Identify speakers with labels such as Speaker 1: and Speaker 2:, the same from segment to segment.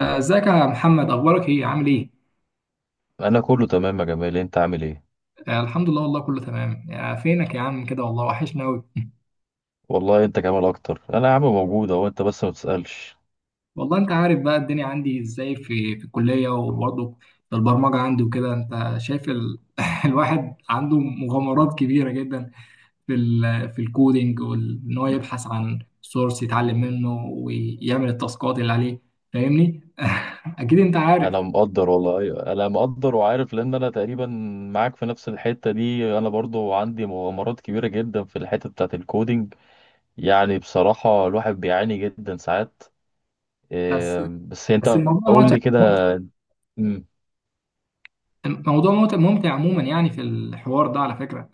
Speaker 1: ازيك يا محمد، اخبارك ايه، عامل ايه؟
Speaker 2: انا كله تمام يا جمال، انت عامل ايه؟
Speaker 1: الحمد لله والله كله تمام. فينك يا عم كده؟ والله وحشنا قوي.
Speaker 2: والله انت جمال اكتر. انا يا عم موجود اهو، انت بس ما تسالش.
Speaker 1: والله انت عارف بقى الدنيا عندي ازاي في الكليه، وبرضه في البرمجه عندي وكده. انت شايف الواحد عنده مغامرات كبيره جدا في في الكودينج، وان هو يبحث عن سورس يتعلم منه ويعمل التاسكات اللي عليه. فاهمني؟ اكيد انت عارف.
Speaker 2: انا مقدر والله، أيوة. انا مقدر وعارف، لان انا تقريبا معاك في نفس الحته دي. انا برضو عندي مغامرات كبيره جدا في الحته بتاعت الكودينج. يعني بصراحه الواحد بيعاني جدا ساعات.
Speaker 1: بس
Speaker 2: إيه، بس
Speaker 1: بس
Speaker 2: انت قول لي كده. مم.
Speaker 1: الموضوع ممتع ممتع عموما يعني في الحوار ده على فكره.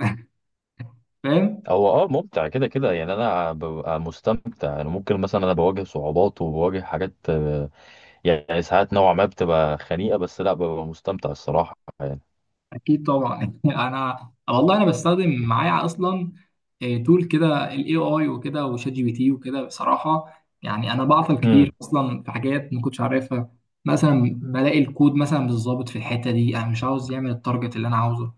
Speaker 1: فاهم.
Speaker 2: هو ممتع كده كده، يعني انا ببقى مستمتع. انا ممكن مثلا انا بواجه صعوبات وبواجه حاجات، يعني ساعات نوعا ما بتبقى خنيقة، بس لا ببقى مستمتع الصراحة يعني.
Speaker 1: اكيد طبعا. والله انا بستخدم معايا اصلا. تول كده الاي اي وكده، وشات جي بي تي وكده بصراحه. يعني انا بعطل كتير
Speaker 2: امم
Speaker 1: اصلا في حاجات ما كنتش عارفها. مثلا بلاقي الكود مثلا مش ظابط في الحته دي، انا مش عاوز يعمل التارجت اللي انا عاوزه.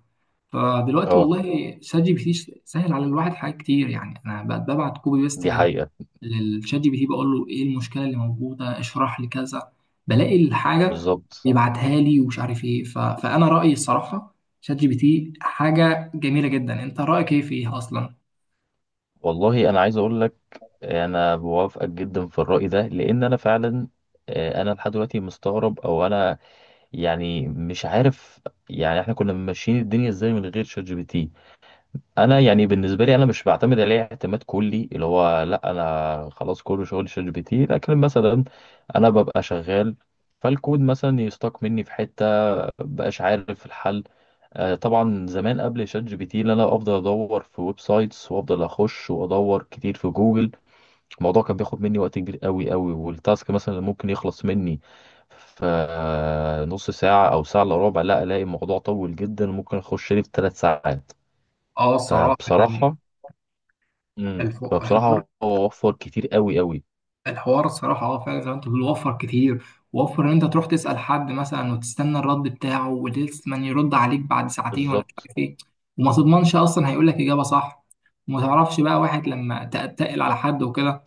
Speaker 1: فدلوقتي
Speaker 2: اه،
Speaker 1: والله شات جي بي تي سهل على الواحد حاجات كتير. يعني انا بقت ببعت كوبي بيست
Speaker 2: دي حقيقة.
Speaker 1: للشات جي بي تي بقول له ايه المشكله اللي موجوده، اشرح لي كذا. بلاقي الحاجه
Speaker 2: بالظبط.
Speaker 1: بيبعتها لي ومش عارف ايه فانا رايي الصراحه شات جي بي تي حاجه جميله جدا. انت رايك ايه فيها اصلا؟
Speaker 2: والله انا عايز اقول لك، انا بوافقك جدا في الرأي ده، لان انا فعلا انا لحد دلوقتي مستغرب، او انا يعني مش عارف. يعني احنا كنا ماشيين الدنيا ازاي من غير شات جي بي تي؟ انا يعني بالنسبه لي انا مش بعتمد عليه اعتماد كلي، اللي هو لا انا خلاص كل شغل شات جي بي تي، لكن مثلا انا ببقى شغال، فالكود مثلا يستاق مني في حته، مبقاش عارف الحل. طبعا زمان قبل شات جي بي تي اللي انا افضل ادور في ويب سايتس وافضل اخش وادور كتير في جوجل. الموضوع كان بياخد مني وقت كبير قوي قوي، والتاسك مثلا اللي ممكن يخلص مني في نص ساعة او ساعة الا ربع، لا الاقي الموضوع طويل جدا، ممكن اخش لي في ثلاث ساعات.
Speaker 1: اه الصراحه يعني
Speaker 2: فبصراحة. مم.
Speaker 1: الحوار.
Speaker 2: فبصراحة هو وفر كتير قوي قوي.
Speaker 1: الصراحه اه فعلا زي ما انت بتقول، وفر كتير. وفر ان انت تروح تسال حد مثلا وتستنى الرد بتاعه ولسه يرد عليك بعد ساعتين ولا مش
Speaker 2: بالظبط.
Speaker 1: عارف ايه، وما تضمنش اصلا هيقول لك اجابه صح، وما تعرفش بقى واحد لما تتقل على حد وكده.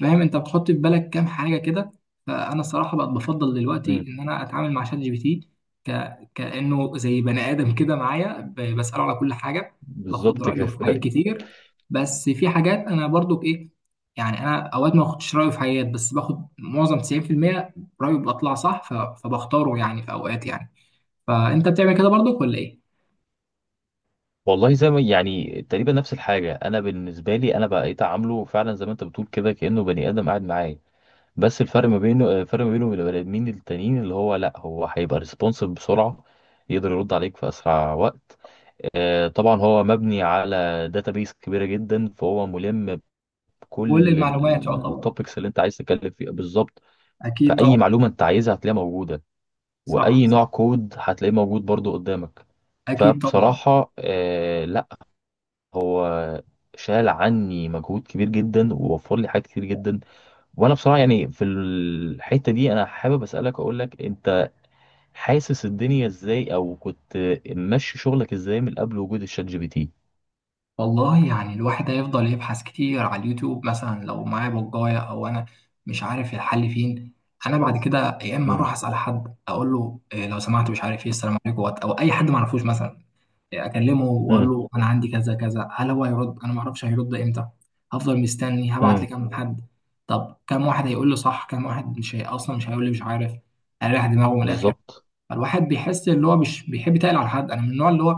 Speaker 1: فاهم، انت بتحط في بالك كام حاجه كده. فانا الصراحه بقت بفضل دلوقتي
Speaker 2: مم.
Speaker 1: ان انا اتعامل مع شات جي بي تي ك... كانه زي بني ادم كده معايا، بساله على كل حاجه. باخد
Speaker 2: بالظبط كده.
Speaker 1: رايه في حاجات كتير. بس في حاجات انا برضو ايه، يعني انا اوقات ما باخدش رايه في حاجات، بس باخد معظم 90% رايه بطلع صح. فبختاره يعني في اوقات يعني. فانت بتعمل كده برضو ولا ايه؟
Speaker 2: والله زي ما يعني تقريبا نفس الحاجة. أنا بالنسبة لي أنا بقيت أعامله فعلا زي ما أنت بتقول كده، كأنه بني آدم قاعد معايا. بس الفرق ما بينه، الفرق ما بينه وبين البني آدمين التانيين، اللي هو لأ، هو هيبقى ريسبونسيف بسرعة، يقدر يرد عليك في أسرع وقت. طبعا هو مبني على داتابيس كبيرة جدا، فهو ملم
Speaker 1: كل
Speaker 2: بكل
Speaker 1: المعلومات يعتبر.
Speaker 2: التوبكس اللي أنت عايز تتكلم فيها بالظبط.
Speaker 1: اكيد
Speaker 2: فأي
Speaker 1: طبعا.
Speaker 2: معلومة أنت عايزها هتلاقيها موجودة،
Speaker 1: صح
Speaker 2: وأي نوع
Speaker 1: صح.
Speaker 2: كود هتلاقيه موجود برضو قدامك.
Speaker 1: اكيد طبعا.
Speaker 2: فبصراحة لا، هو شال عني مجهود كبير جدا ووفر لي حاجات كتير جدا. وانا بصراحه يعني في الحته دي انا حابب اسالك، اقول لك انت حاسس الدنيا ازاي، او كنت ماشي شغلك ازاي من قبل وجود الشات جي بي تي؟
Speaker 1: والله يعني الواحد هيفضل يبحث كتير على اليوتيوب مثلا لو معايا بجاية، او انا مش عارف الحل فين. انا بعد كده يا اما اروح
Speaker 2: امم
Speaker 1: اسال حد اقول له إيه لو سمحت، مش عارف ايه، السلام عليكم او اي حد ما اعرفوش مثلا. إيه، اكلمه واقول
Speaker 2: امم
Speaker 1: له انا عندي كذا كذا، هل هو هيرد، انا ما اعرفش هيرد امتى. هفضل مستني، هبعت
Speaker 2: امم
Speaker 1: لكام حد. طب كام واحد هيقول لي صح، كام واحد مش اصلا مش هيقول لي مش عارف. اريح دماغه من الاخر.
Speaker 2: بالظبط.
Speaker 1: فالواحد بيحس ان هو مش بيحب يتقل على حد. انا من النوع اللي هو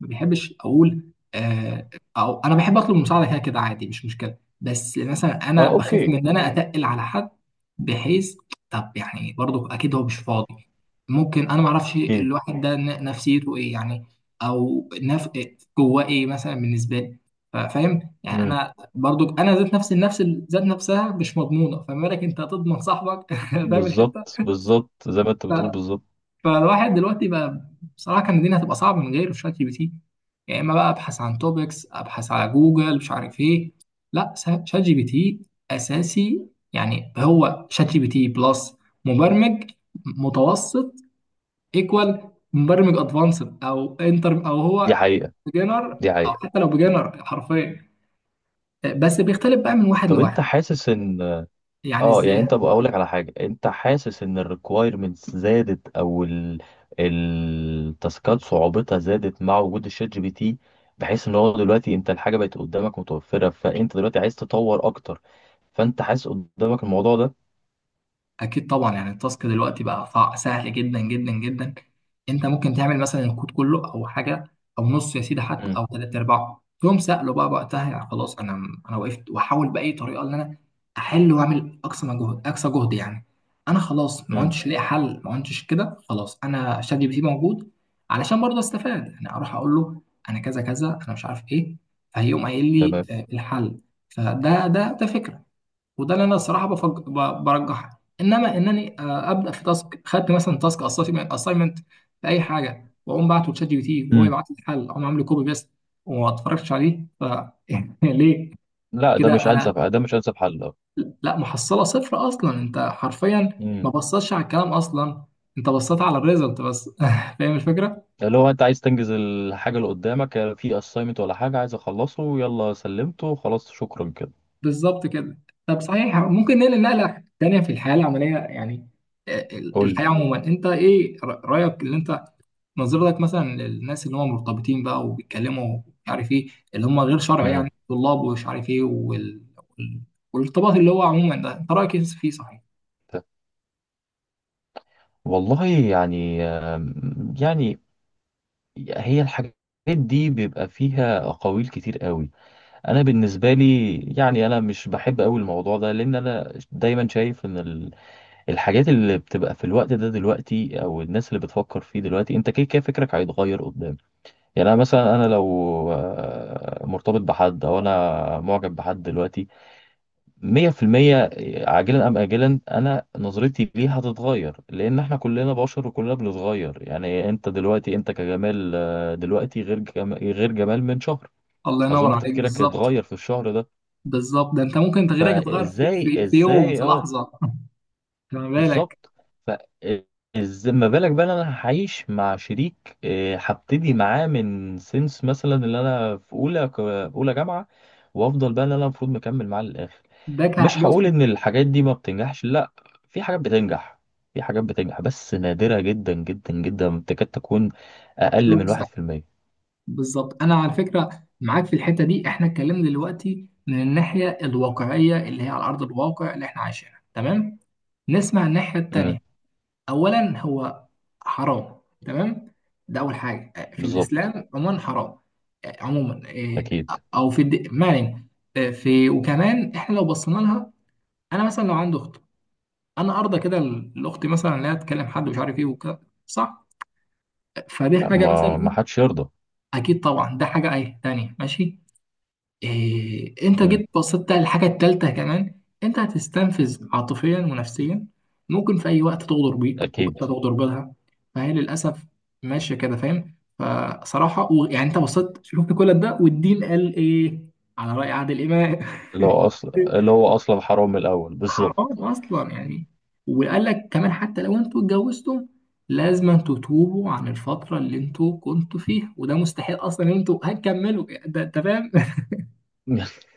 Speaker 1: ما بيحبش اقول آه، او انا بحب اطلب المساعده كده كده عادي مش مشكله، بس مثلا انا
Speaker 2: اه،
Speaker 1: بخاف
Speaker 2: اوكي.
Speaker 1: من ان انا اتقل على حد. بحيث طب يعني برضو اكيد هو مش فاضي، ممكن انا ما اعرفش
Speaker 2: اكيد.
Speaker 1: الواحد ده نفسيته ايه يعني، او نف... جواه ايه مثلا بالنسبه لي. فاهم يعني،
Speaker 2: امم
Speaker 1: انا برضو انا ذات نفسي النفس ذات نفسها مش مضمونه، فما بالك انت هتضمن صاحبك. فاهم الحته.
Speaker 2: بالظبط بالظبط زي ما انت بتقول بالظبط.
Speaker 1: فالواحد دلوقتي بقى بصراحه كان الدنيا هتبقى صعبه من غير شات جي بي تي. يا اما بقى ابحث عن توبكس، ابحث على جوجل، مش عارف ايه. لا، شات جي بي تي اساسي. يعني هو شات جي بي تي بلس مبرمج متوسط ايكوال مبرمج ادفانسد، او انتر، او
Speaker 2: دي
Speaker 1: هو
Speaker 2: حقيقه
Speaker 1: بيجنر،
Speaker 2: دي
Speaker 1: او
Speaker 2: حقيقه.
Speaker 1: حتى لو بيجنر حرفيا. بس بيختلف بقى من واحد
Speaker 2: طب
Speaker 1: لواحد.
Speaker 2: انت حاسس ان،
Speaker 1: يعني
Speaker 2: اه يعني
Speaker 1: ازاي.
Speaker 2: انت بقول لك على حاجه، انت حاسس ان الريكوايرمنتس زادت، او ال التاسكات صعوبتها زادت مع وجود الشات جي بي تي، بحيث ان هو دلوقتي انت الحاجه بقت قدامك متوفره، فانت دلوقتي عايز تطور اكتر. فانت حاسس قدامك الموضوع ده؟
Speaker 1: اكيد طبعا. يعني التاسك دلوقتي بقى سهل جدا جدا جدا. انت ممكن تعمل مثلا الكود كله او حاجه، او نص يا سيدي حتى،
Speaker 2: امم
Speaker 1: او ثلاث ارباعه تقوم سأله بقى وقتها. يعني خلاص، انا وقفت واحاول باي طريقه ان انا احل واعمل اقصى مجهود اقصى جهد يعني. انا خلاص ما
Speaker 2: امم
Speaker 1: كنتش لاقي حل، ما كنتش كده خلاص، انا شات جي بي تي موجود علشان برضه استفاد. يعني اروح اقول له انا كذا كذا، انا مش عارف ايه، فهيقوم قايل لي
Speaker 2: تمام.
Speaker 1: الحل. فده ده ده فكره. وده اللي انا الصراحه برجحها، انما انني ابدا في تاسك، خدت مثلا تاسك اسايمنت في اي حاجه واقوم بعته لشات جي بي تي، وهو
Speaker 2: امم
Speaker 1: يبعت لي الحل، اقوم عامل كوبي بيست وما اتفرجتش عليه ف ليه.
Speaker 2: لا، ده مش
Speaker 1: كده انا.
Speaker 2: انسب، ده مش انسب حل، اه.
Speaker 1: لا، محصله صفر اصلا، انت حرفيا ما
Speaker 2: امم
Speaker 1: بصتش على الكلام اصلا، انت بصيت على الريزلت بس. فاهم الفكره.
Speaker 2: اللي هو انت عايز تنجز الحاجه اللي قدامك، في اساينمنت ولا حاجه عايز اخلصه، يلا سلمته خلاص شكرا كده.
Speaker 1: بالظبط كده. طب صحيح ممكن ننقل نقله تانيه في الحياه العمليه يعني، آه،
Speaker 2: قول
Speaker 1: الحياه
Speaker 2: لي.
Speaker 1: عموما. انت ايه رايك، اللي انت نظرتك مثلا للناس اللي هم مرتبطين بقى وبيتكلموا مش عارف ايه، اللي هم غير شرعي
Speaker 2: امم
Speaker 1: يعني طلاب ومش عارف ايه وال... والارتباط اللي هو عموما ده، انت رايك إيه فيه صحيح؟
Speaker 2: والله يعني يعني هي الحاجات دي بيبقى فيها أقاويل كتير قوي. أنا بالنسبة لي يعني أنا مش بحب قوي الموضوع ده، لأن أنا دايما شايف إن الحاجات اللي بتبقى في الوقت ده دلوقتي، أو الناس اللي بتفكر فيه دلوقتي، أنت كده كده فكرك هيتغير قدام. يعني أنا مثلا، أنا لو مرتبط بحد أو أنا معجب بحد دلوقتي مية في المية، عاجلا أم آجلا أنا نظرتي ليه هتتغير، لأن إحنا كلنا بشر وكلنا بنتغير. يعني أنت دلوقتي أنت كجمال، دلوقتي غير جمال من شهر.
Speaker 1: الله ينور
Speaker 2: أظن
Speaker 1: عليك.
Speaker 2: تفكيرك
Speaker 1: بالظبط.
Speaker 2: اتغير في الشهر ده.
Speaker 1: بالظبط ده انت ممكن تغييرك يتغير في,
Speaker 2: فإزاي
Speaker 1: في, في يوم،
Speaker 2: إزاي
Speaker 1: في
Speaker 2: أه.
Speaker 1: لحظه. خلي بالك.
Speaker 2: بالظبط. فإزاي ما بالك بقى إن أنا هعيش مع شريك، هبتدي معاه من سنس مثلا اللي أنا في أولى، أولى جامعة، وأفضل بقى إن أنا المفروض مكمل معاه للآخر. مش
Speaker 1: بص،
Speaker 2: هقول ان الحاجات دي ما بتنجحش، لا، في حاجات بتنجح، في حاجات بتنجح، بس نادرة جدا جدا جدا، تكاد تكون
Speaker 1: شيء
Speaker 2: اقل من واحد في
Speaker 1: مستحيل.
Speaker 2: المية.
Speaker 1: بالظبط، انا على فكره معاك في الحته دي. احنا اتكلمنا دلوقتي من الناحيه الواقعيه اللي هي على ارض الواقع اللي احنا عايشينها تمام. نسمع الناحيه
Speaker 2: امم
Speaker 1: التانيه. اولا هو حرام تمام، ده اول حاجه في
Speaker 2: بالظبط.
Speaker 1: الاسلام عموما حرام. عموما إيه،
Speaker 2: اكيد.
Speaker 1: او في ما علينا. إيه، في وكمان احنا لو بصينا لها، انا مثلا لو عندي اخت، انا ارضى كده الاخت مثلا لا تكلم حد مش عارف ايه وكده صح؟ فدي
Speaker 2: لا،
Speaker 1: حاجه مثلا
Speaker 2: ما ما
Speaker 1: ايه.
Speaker 2: حدش يرضى.
Speaker 1: اكيد طبعا. ده حاجه ايه تانية ماشي. إيه انت جيت
Speaker 2: امم
Speaker 1: بصيت على الحاجة التالتة كمان. انت هتستنفذ عاطفيا ونفسيا. ممكن في اي وقت تغدر بيك او انت
Speaker 2: اكيد.
Speaker 1: تغدر بيها، فهي للاسف ماشية كده فاهم. يعني انت بصيت شفت كل ده، والدين قال ايه على رأي عادل امام.
Speaker 2: اللي هو اصلا، اللي هو اصلا حرام من الاول بالظبط.
Speaker 1: حرام اصلا يعني. وقال لك كمان حتى لو انتوا اتجوزتم، لازم تتوبوا عن الفترة اللي انتوا كنتوا فيها، وده مستحيل اصلا ان انتوا هتكملوا ده. انت فاهم.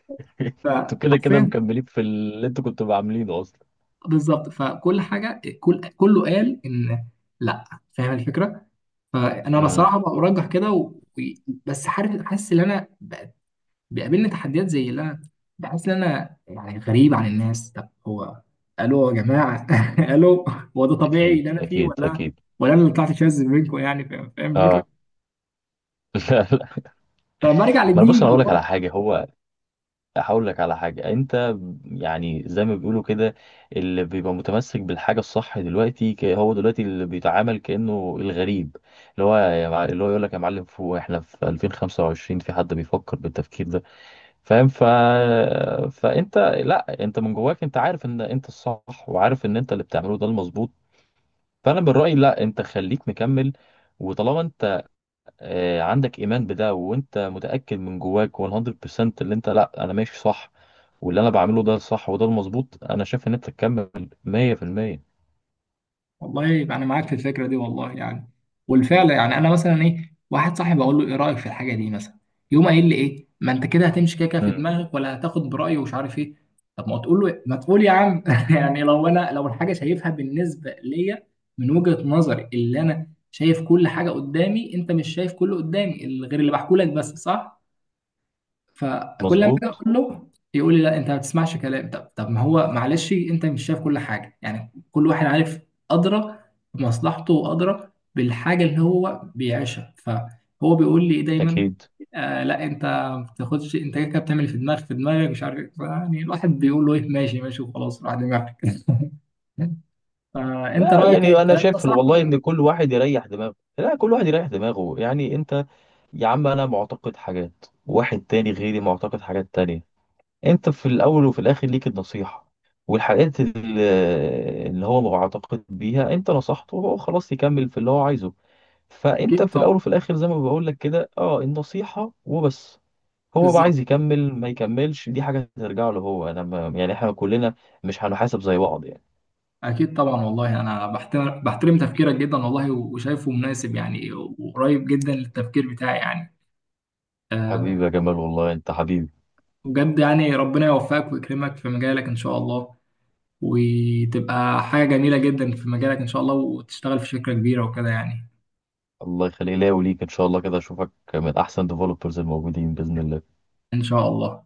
Speaker 2: انتوا كده كده
Speaker 1: فحرفيا.
Speaker 2: مكملين في اللي انتوا كنتوا عاملينه اصلا.
Speaker 1: بالظبط. فكل حاجه كله قال ان لا. فاهم الفكره. فانا
Speaker 2: امم
Speaker 1: بصراحه برجح كده بس عارف حاسس ان انا بيقابلني تحديات زي اللي انا بحس ان انا يعني غريب عن الناس. طب هو الو يا جماعه، الو، هو ده طبيعي
Speaker 2: اكيد
Speaker 1: اللي انا فيه
Speaker 2: اكيد
Speaker 1: ولا
Speaker 2: اكيد.
Speaker 1: انا اللي طلعت شاذ منكم يعني. فاهم فاهم الفكره.
Speaker 2: اه. لا لا.
Speaker 1: فبرجع
Speaker 2: ما أنا بص،
Speaker 1: للدين
Speaker 2: انا اقول لك
Speaker 1: والله.
Speaker 2: على حاجه، هقول لك على حاجة انت، يعني زي ما بيقولوا كده، اللي بيبقى متمسك بالحاجة الصح دلوقتي، هو دلوقتي اللي بيتعامل كأنه الغريب. اللي هو يقول لك يا معلم فوق، احنا في 2025، في حد بيفكر بالتفكير ده؟ فاهم فانت لا، انت من جواك انت عارف ان انت الصح، وعارف ان انت اللي بتعمله ده المظبوط. فانا من رأيي لا، انت خليك مكمل. وطالما انت عندك ايمان بده، وانت متاكد من جواك 100%، اللي انت لا انا ماشي صح، واللي انا بعمله ده الصح وده المظبوط، انا شايف ان انت تكمل 100%.
Speaker 1: والله يبقى انا معاك في الفكره دي والله يعني، والفعل يعني انا مثلا ايه، واحد صاحبي اقول له ايه رايك في الحاجه دي مثلا، يقوم قايل لي ايه، ما انت كده هتمشي كده كده في
Speaker 2: امم
Speaker 1: دماغك ولا هتاخد برايه ومش عارف ايه. طب ما تقول له إيه؟ ما تقول يا عم. يعني لو الحاجه شايفها بالنسبه ليا من وجهه نظري، اللي انا شايف كل حاجه قدامي، انت مش شايف كله قدامي غير اللي بحكولك بس صح. فكل ما اجي
Speaker 2: مظبوط.
Speaker 1: اقول له يقول لي لا انت ما بتسمعش كلام. طب ما هو معلش انت مش شايف كل حاجه يعني. كل واحد عارف ادرى بمصلحته وادرى بالحاجه اللي هو بيعيشها. فهو بيقول لي إيه دايما،
Speaker 2: اكيد.
Speaker 1: آه لا، انت ما بتاخدش، انت كده كده بتعمل في دماغك مش عارف إيه. يعني الواحد بيقول له ايه ماشي ماشي وخلاص راح دماغك. فانت
Speaker 2: لا
Speaker 1: رايك ايه
Speaker 2: يعني انا
Speaker 1: الكلام ده
Speaker 2: شايف
Speaker 1: صح
Speaker 2: والله
Speaker 1: ولا.
Speaker 2: ان كل واحد يريح دماغه، لا كل واحد يريح دماغه، يعني انت يا عم انا معتقد حاجات، واحد تاني غيري معتقد حاجات تانية. انت في الاول وفي الاخر ليك النصيحة، والحاجات اللي هو معتقد بيها انت نصحته، وهو خلاص يكمل في اللي هو عايزه. فانت
Speaker 1: اكيد
Speaker 2: في
Speaker 1: طبعا.
Speaker 2: الاول وفي الاخر زي ما بقول لك كده، اه النصيحه وبس. هو بقى
Speaker 1: بالظبط.
Speaker 2: عايز يكمل ما يكملش، دي حاجه ترجع له هو، انا ما، يعني احنا كلنا مش هنحاسب زي بعض يعني.
Speaker 1: أكيد طبعا. والله أنا بحترم تفكيرك جدا والله وشايفه مناسب يعني، وقريب جدا للتفكير بتاعي يعني، أه.
Speaker 2: حبيبي يا جمال، والله انت حبيبي.
Speaker 1: بجد يعني، ربنا يوفقك ويكرمك في مجالك إن شاء الله، وتبقى حاجة جميلة جدا في مجالك إن شاء الله، وتشتغل في شركة كبيرة وكده يعني.
Speaker 2: الله يخليك ليا وليك ان شاء الله، كده اشوفك من احسن ديفلوبرز الموجودين باذن الله.
Speaker 1: إن شاء الله.